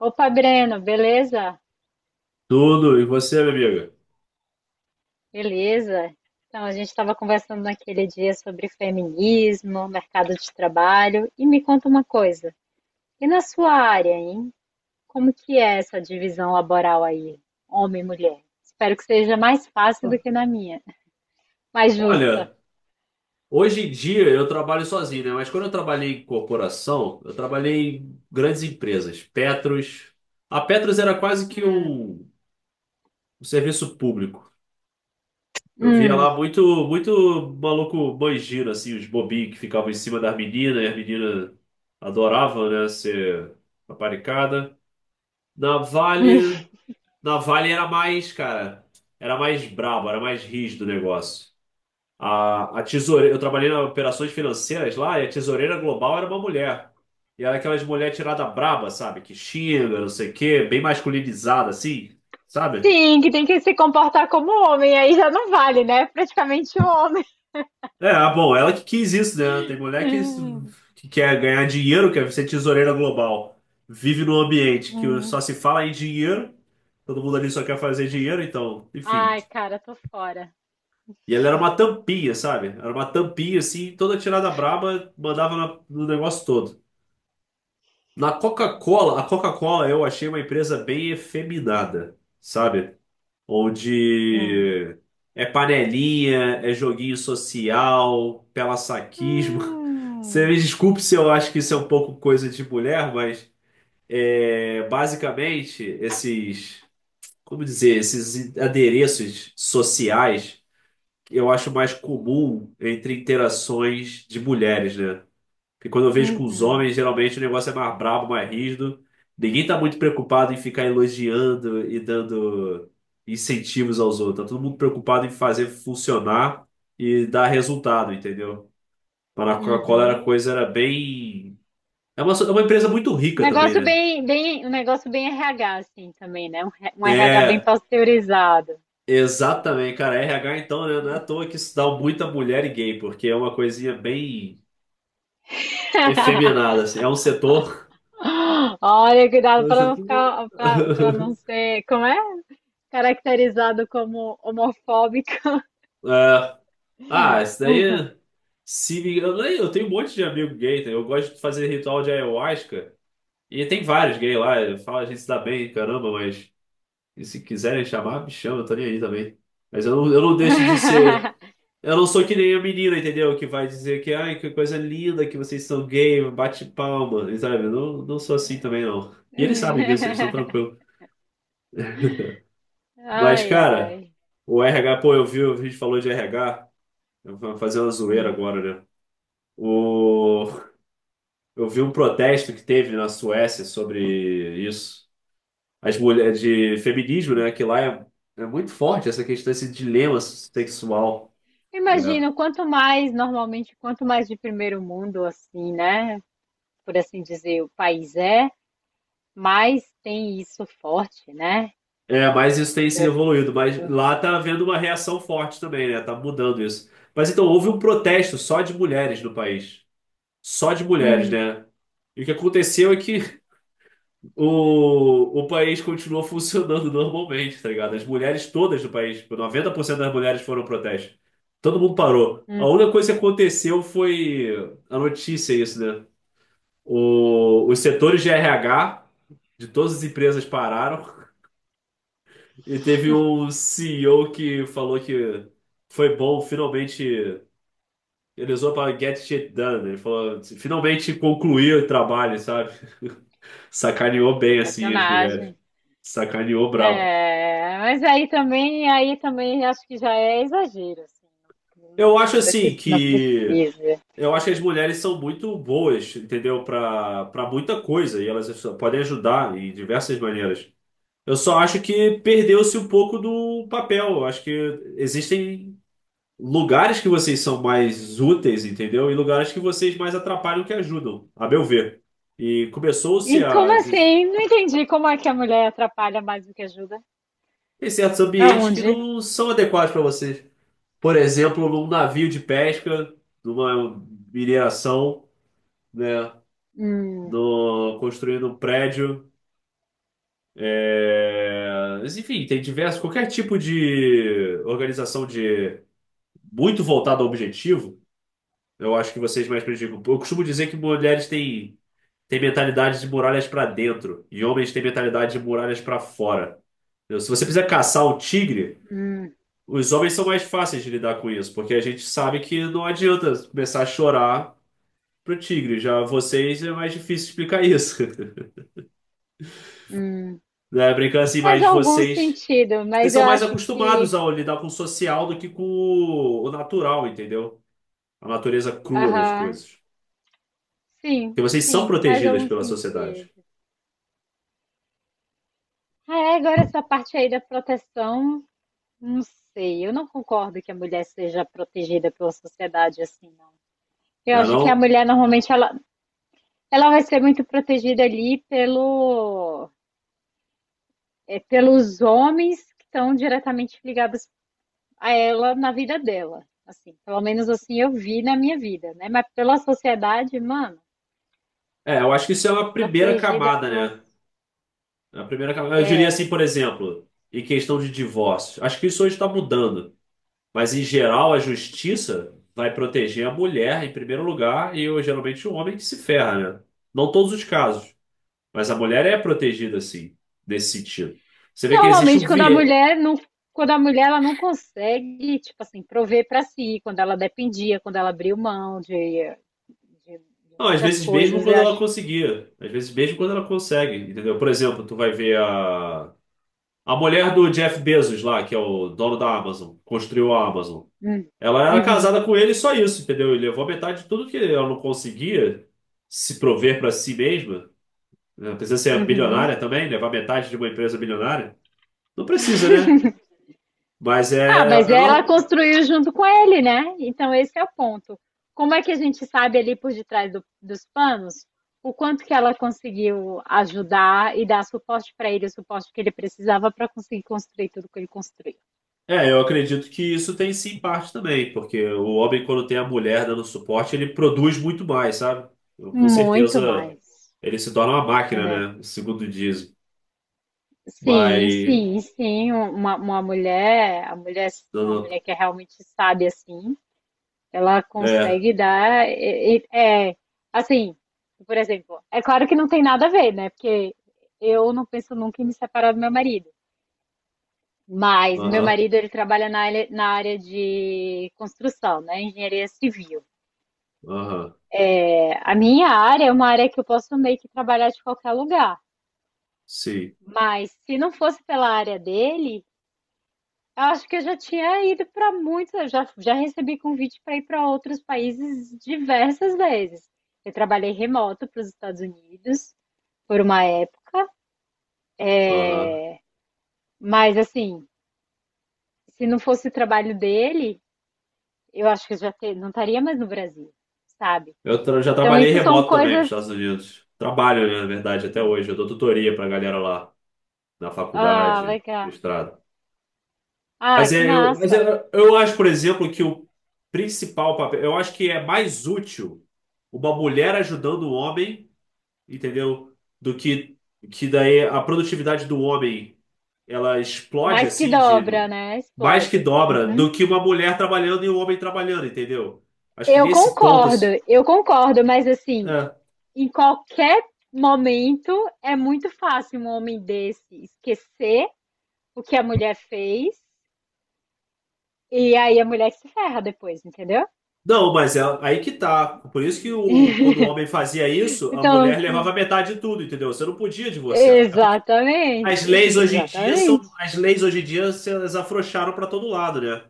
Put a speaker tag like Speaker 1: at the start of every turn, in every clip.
Speaker 1: Opa, Breno, beleza?
Speaker 2: Tudo, e você, minha amiga?
Speaker 1: Beleza? Então, a gente estava conversando naquele dia sobre feminismo, mercado de trabalho, e me conta uma coisa. E na sua área, hein? Como que é essa divisão laboral aí, homem e mulher? Espero que seja mais fácil do que na minha, mais justa.
Speaker 2: Olha, hoje em dia eu trabalho sozinho, né? Mas quando eu trabalhei em corporação, eu trabalhei em grandes empresas, Petros. A Petros era quase que
Speaker 1: Hum,
Speaker 2: um serviço público. Eu via
Speaker 1: hum.
Speaker 2: lá muito, muito maluco banjiro, assim, os bobinhos que ficavam em cima das meninas, e as meninas adoravam, né, ser paparicada. Na Vale, na Vale era mais, cara, era mais brabo, era mais rígido o negócio. A tesoureira, eu trabalhei nas operações financeiras lá e a tesoureira global era uma mulher. E era aquelas mulher tirada braba, sabe? Que xinga, não sei o quê, bem masculinizada, assim, sabe?
Speaker 1: Sim, que tem que se comportar como homem, aí já não vale, né? Praticamente o homem.
Speaker 2: É, ah, bom, ela que quis isso, né? Tem mulher que, que quer ganhar dinheiro, quer ser tesoureira global. Vive num ambiente que
Speaker 1: Hum.
Speaker 2: só se fala em dinheiro, todo mundo ali só quer fazer dinheiro, então, enfim.
Speaker 1: Ai, cara, tô fora.
Speaker 2: E ela era uma tampinha, sabe? Era uma tampinha, assim, toda tirada braba, mandava na- no negócio todo. Na Coca-Cola, a Coca-Cola eu achei uma empresa bem efeminada, sabe?
Speaker 1: Hum.
Speaker 2: Onde é panelinha, é joguinho social, pela-saquismo. Você
Speaker 1: Hum.
Speaker 2: me desculpe se eu acho que isso é um pouco coisa de mulher, mas é, basicamente esses, como dizer, esses adereços sociais eu acho mais comum entre interações de mulheres, né? Porque quando eu vejo com os
Speaker 1: Uhum,
Speaker 2: homens, geralmente o negócio é mais brabo, mais rígido. Ninguém tá muito preocupado em ficar elogiando e dando incentivos aos outros. Tá todo mundo preocupado em fazer funcionar e dar resultado, entendeu? Mas na Coca-Cola era
Speaker 1: uhum.
Speaker 2: coisa, era bem. É uma empresa muito
Speaker 1: Um
Speaker 2: rica também,
Speaker 1: negócio
Speaker 2: né?
Speaker 1: bem um negócio bem RH, assim, também, né, um re um RH bem
Speaker 2: É,
Speaker 1: pasteurizado.
Speaker 2: exatamente, cara. RH então, né? Não é à toa que isso dá muita mulher e gay, porque é uma coisinha bem efeminada, assim. É um setor.
Speaker 1: Olha,
Speaker 2: É
Speaker 1: cuidado
Speaker 2: um
Speaker 1: para não
Speaker 2: setor-
Speaker 1: ficar para pra não ser como é? Caracterizado como homofóbico.
Speaker 2: É, ah, isso daí é- se eu tenho um monte de amigo gay, tá? Eu gosto de fazer ritual de ayahuasca e tem vários gays lá, eu falo, a gente se dá bem, caramba, mas e se quiserem chamar, me chama, eu tô nem aí também. Mas eu não deixo de ser, eu não sou que nem a menina, entendeu? Que vai dizer que, ai, que coisa linda que vocês são gay, bate palma, e sabe? Eu não sou assim também, não. E eles sabem disso, eles estão tranquilos. Mas,
Speaker 1: Ai,
Speaker 2: cara,
Speaker 1: ai.
Speaker 2: o RH, pô, eu vi, a gente falou de RH, eu vou fazer uma zoeira
Speaker 1: Hum.
Speaker 2: agora, né? O Eu vi um protesto que teve na Suécia sobre isso. As mulheres de feminismo, né? Que lá é muito forte essa questão, esse dilema sexual. É.
Speaker 1: Imagino, quanto mais, normalmente, quanto mais de primeiro mundo, assim, né, por assim dizer, o país é, mais tem isso forte, né?
Speaker 2: É, mas isso tem se
Speaker 1: Dessa
Speaker 2: evoluído.
Speaker 1: fita do
Speaker 2: Mas lá
Speaker 1: ano.
Speaker 2: tá havendo uma reação forte também, né? Tá mudando isso. Mas então houve um protesto só de mulheres no país. Só de mulheres,
Speaker 1: Hum,
Speaker 2: né? E o que aconteceu é que o país continuou funcionando normalmente, tá ligado? As mulheres todas do país, tipo, 90% das mulheres foram ao protesto. Todo mundo parou. A
Speaker 1: hum,
Speaker 2: única coisa que aconteceu foi a notícia, isso, né? Os setores de RH de todas as empresas pararam e teve um CEO que falou que foi bom, finalmente. Ele usou para get shit done. Né? Ele falou, finalmente concluiu o trabalho, sabe? Sacaneou
Speaker 1: pô,
Speaker 2: bem, assim, as mulheres.
Speaker 1: sacanagem.
Speaker 2: Sacaneou brabo.
Speaker 1: É, mas aí também acho que já é exagero, assim.
Speaker 2: Eu
Speaker 1: Não, não
Speaker 2: acho
Speaker 1: não
Speaker 2: assim
Speaker 1: necess- não
Speaker 2: que.
Speaker 1: precisa.
Speaker 2: Eu acho que as mulheres são muito boas, entendeu? Pra muita coisa. E elas podem ajudar em diversas maneiras. Eu só acho que perdeu-se um pouco do papel. Eu acho que existem lugares que vocês são mais úteis, entendeu? E lugares que vocês mais atrapalham que ajudam, a meu ver. E começou-se
Speaker 1: E como
Speaker 2: a.
Speaker 1: assim? Não entendi como é que a mulher atrapalha mais do que ajuda.
Speaker 2: Tem certos ambientes que
Speaker 1: Aonde?
Speaker 2: não são adequados para vocês. Por exemplo, num navio de pesca, numa mineração, né?
Speaker 1: Hum,
Speaker 2: no, Construindo um prédio. É, mas, enfim, tem diversos, qualquer tipo de organização de muito voltada ao objetivo, eu acho que vocês mais prejudicam. Eu costumo dizer que mulheres têm, mentalidade de muralhas para dentro e homens têm mentalidade de muralhas para fora. Entendeu? Se você precisa caçar um tigre,
Speaker 1: hum,
Speaker 2: os homens são mais fáceis de lidar com isso, porque a gente sabe que não adianta começar a chorar pro tigre. Já vocês é mais difícil explicar isso.
Speaker 1: hum.
Speaker 2: Né? Brincando assim,
Speaker 1: Faz
Speaker 2: mas
Speaker 1: algum
Speaker 2: vocês
Speaker 1: sentido,
Speaker 2: Vocês
Speaker 1: mas
Speaker 2: são
Speaker 1: eu
Speaker 2: mais
Speaker 1: acho
Speaker 2: acostumados
Speaker 1: que.
Speaker 2: a lidar com o social do que com o natural, entendeu? A natureza crua das
Speaker 1: Aham.
Speaker 2: coisas. Porque
Speaker 1: Sim,
Speaker 2: vocês são
Speaker 1: sim, faz
Speaker 2: protegidas
Speaker 1: algum
Speaker 2: pela sociedade,
Speaker 1: sentido. Ah, é, agora essa parte aí da proteção não sei, eu não concordo que a mulher seja protegida pela sociedade assim, não. Eu
Speaker 2: não é
Speaker 1: acho que a
Speaker 2: não?
Speaker 1: mulher normalmente ela, ela vai ser muito protegida ali pelo, é, pelos homens que estão diretamente ligados a ela na vida dela. Assim, pelo menos assim eu vi na minha vida, né? Mas pela sociedade, mano,
Speaker 2: É, eu acho que isso é
Speaker 1: ser
Speaker 2: uma primeira
Speaker 1: protegida
Speaker 2: camada,
Speaker 1: pelas.
Speaker 2: né? É a primeira camada. Eu diria assim,
Speaker 1: É.
Speaker 2: por exemplo, em questão de divórcio. Acho que isso hoje está mudando. Mas, em geral, a justiça vai proteger a mulher em primeiro lugar e, eu, geralmente, o homem que se ferra, né? Não todos os casos. Mas a mulher é protegida, assim, nesse sentido. Você vê que existe um
Speaker 1: Normalmente quando a
Speaker 2: viés.
Speaker 1: mulher não. Quando a mulher ela não consegue, tipo assim, prover pra si, quando ela dependia, quando ela abriu mão de
Speaker 2: Não, às
Speaker 1: muitas
Speaker 2: vezes mesmo
Speaker 1: coisas, eu
Speaker 2: quando
Speaker 1: acho.
Speaker 2: ela conseguia. Às vezes mesmo quando ela consegue, entendeu? Por exemplo, tu vai ver a... A mulher do Jeff Bezos lá, que é o dono da Amazon, construiu a Amazon.
Speaker 1: Hum,
Speaker 2: Ela era
Speaker 1: Uhum,
Speaker 2: casada com ele e só isso, entendeu? Ele levou a metade de tudo que ela não conseguia se prover para si mesma. Né? Não precisa ser
Speaker 1: uhum.
Speaker 2: bilionária também, levar metade de uma empresa bilionária. Não precisa, né? Mas é,
Speaker 1: Ah,
Speaker 2: é,
Speaker 1: mas
Speaker 2: é
Speaker 1: ela
Speaker 2: normal.
Speaker 1: construiu junto com ele, né? Então esse é o ponto. Como é que a gente sabe ali por detrás dos panos o quanto que ela conseguiu ajudar e dar suporte para ele, o suporte que ele precisava para conseguir construir tudo que ele construiu?
Speaker 2: É, eu acredito que isso tem sim parte também, porque o homem, quando tem a mulher dando suporte, ele produz muito mais, sabe? Eu, com
Speaker 1: Muito
Speaker 2: certeza
Speaker 1: mais.
Speaker 2: ele se torna uma
Speaker 1: É,
Speaker 2: máquina, né? Segundo dizem.
Speaker 1: sim,
Speaker 2: Mas.
Speaker 1: sim, sim. Uma mulher, a mulher,
Speaker 2: Não,
Speaker 1: uma
Speaker 2: não.
Speaker 1: mulher que é realmente sábia assim. Ela
Speaker 2: É,
Speaker 1: consegue dar. É, assim, por exemplo, é claro que não tem nada a ver, né? Porque eu não penso nunca em me separar do meu marido. Mas meu
Speaker 2: aham,
Speaker 1: marido, ele trabalha na área de construção, né? Engenharia civil.
Speaker 2: aham,
Speaker 1: É, a minha área é uma área que eu posso meio que trabalhar de qualquer lugar.
Speaker 2: sim,
Speaker 1: Mas se não fosse pela área dele, eu acho que eu já tinha ido para muitos, eu já recebi convite para ir para outros países diversas vezes. Eu trabalhei remoto para os Estados Unidos por uma época,
Speaker 2: aham.
Speaker 1: mas assim, se não fosse o trabalho dele, eu acho que eu não estaria mais no Brasil, sabe?
Speaker 2: Já
Speaker 1: Então,
Speaker 2: trabalhei
Speaker 1: isso são
Speaker 2: remoto também para os
Speaker 1: coisas.
Speaker 2: Estados Unidos. Trabalho, né, na verdade, até hoje. Eu dou tutoria para a galera lá, na
Speaker 1: Ah,
Speaker 2: faculdade,
Speaker 1: legal.
Speaker 2: mestrado.
Speaker 1: Ah,
Speaker 2: Mas,
Speaker 1: que
Speaker 2: é, eu, mas
Speaker 1: massa.
Speaker 2: eu, eu acho, por exemplo, que o principal papel, eu acho que é mais útil uma mulher ajudando o homem, entendeu? Do que daí a produtividade do homem ela explode
Speaker 1: Mas que
Speaker 2: assim de
Speaker 1: dobra, né?
Speaker 2: mais que
Speaker 1: Explode.
Speaker 2: dobra
Speaker 1: Uhum.
Speaker 2: do que uma mulher trabalhando e um homem trabalhando, entendeu? Acho que
Speaker 1: Eu
Speaker 2: nesse ponto
Speaker 1: concordo,
Speaker 2: assim,
Speaker 1: eu concordo, mas assim,
Speaker 2: é.
Speaker 1: em qualquer momento é muito fácil um homem desse esquecer o que a mulher fez e aí a mulher se ferra depois, entendeu?
Speaker 2: Não, mas é aí que tá. Por isso que quando o homem fazia isso, a
Speaker 1: Então,
Speaker 2: mulher levava metade de tudo, entendeu? Você não podia divorciar.
Speaker 1: exatamente, exatamente.
Speaker 2: As leis hoje em dia elas afrouxaram pra todo lado, né?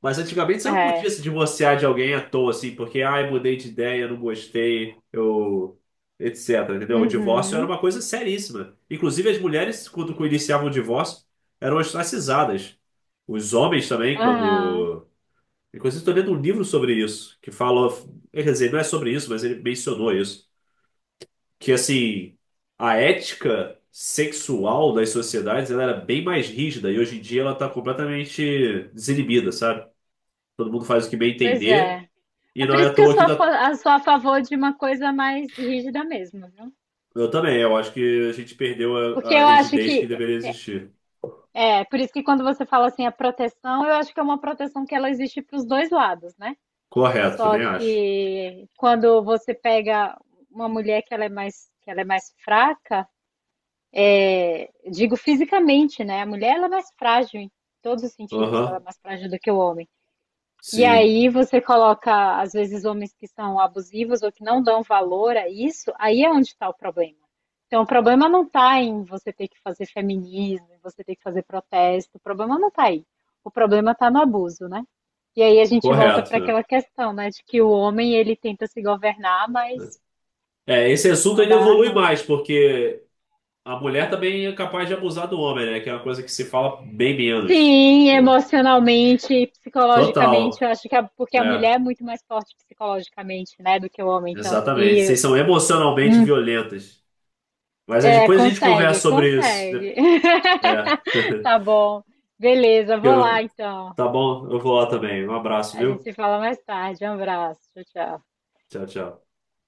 Speaker 2: Mas antigamente você não podia
Speaker 1: É.
Speaker 2: se divorciar de alguém à toa, assim, porque, ai, mudei de ideia, não gostei, eu, etc, entendeu? O divórcio era
Speaker 1: Uhum.
Speaker 2: uma coisa seríssima. Inclusive as mulheres, quando iniciavam o divórcio, eram ostracizadas. Os homens também,
Speaker 1: Aham.
Speaker 2: quando... Inclusive estou lendo um livro sobre isso, que fala... Quer dizer, não é sobre isso, mas ele mencionou isso que assim, a ética sexual das sociedades ela era bem mais rígida e hoje em dia ela está completamente desinibida, sabe? Todo mundo faz o que bem
Speaker 1: Pois
Speaker 2: entender
Speaker 1: é.
Speaker 2: e
Speaker 1: É
Speaker 2: não
Speaker 1: por
Speaker 2: é à
Speaker 1: isso que eu
Speaker 2: toa que
Speaker 1: sou
Speaker 2: tá
Speaker 1: sou a favor de uma coisa mais rígida mesmo, viu?
Speaker 2: eu também, eu acho que a gente perdeu
Speaker 1: Porque
Speaker 2: a
Speaker 1: eu acho
Speaker 2: rigidez que
Speaker 1: que,
Speaker 2: deveria existir.
Speaker 1: é, por isso que quando você fala assim, a proteção, eu acho que é uma proteção que ela existe para os dois lados, né?
Speaker 2: Correto,
Speaker 1: Só
Speaker 2: também acho.
Speaker 1: que quando você pega uma mulher que ela é mais, que ela é mais fraca, é, digo fisicamente, né? A mulher ela é mais frágil em todos os sentidos, ela é
Speaker 2: Aham,
Speaker 1: mais frágil do que o homem. E
Speaker 2: sim,
Speaker 1: aí você coloca, às vezes, homens que são abusivos ou que não dão valor a isso, aí é onde está o problema. Então, o problema não está em você ter que fazer feminismo, você ter que fazer protesto, o problema não está aí. O problema está no abuso, né? E aí a gente volta para
Speaker 2: correto. Né?
Speaker 1: aquela questão, né, de que o homem ele tenta se governar, mas
Speaker 2: É, esse assunto
Speaker 1: só
Speaker 2: ele
Speaker 1: dá
Speaker 2: evolui
Speaker 1: ruim.
Speaker 2: mais, porque a mulher também é capaz de abusar do homem, né? Que é uma coisa que se fala bem menos.
Speaker 1: Sim, emocionalmente e psicologicamente,
Speaker 2: Total.
Speaker 1: eu acho que a, porque a mulher
Speaker 2: É.
Speaker 1: é muito mais forte psicologicamente, né, do que o homem. Então,
Speaker 2: Exatamente.
Speaker 1: se
Speaker 2: Vocês são emocionalmente violentas. Mas aí
Speaker 1: é,
Speaker 2: depois a gente
Speaker 1: consegue,
Speaker 2: conversa sobre isso. É.
Speaker 1: consegue. Tá bom. Beleza, vou lá
Speaker 2: Eu-
Speaker 1: então.
Speaker 2: Tá bom? Eu vou lá também. Um abraço,
Speaker 1: A gente
Speaker 2: viu?
Speaker 1: se fala mais tarde. Um abraço. Tchau, tchau.
Speaker 2: Tchau, tchau.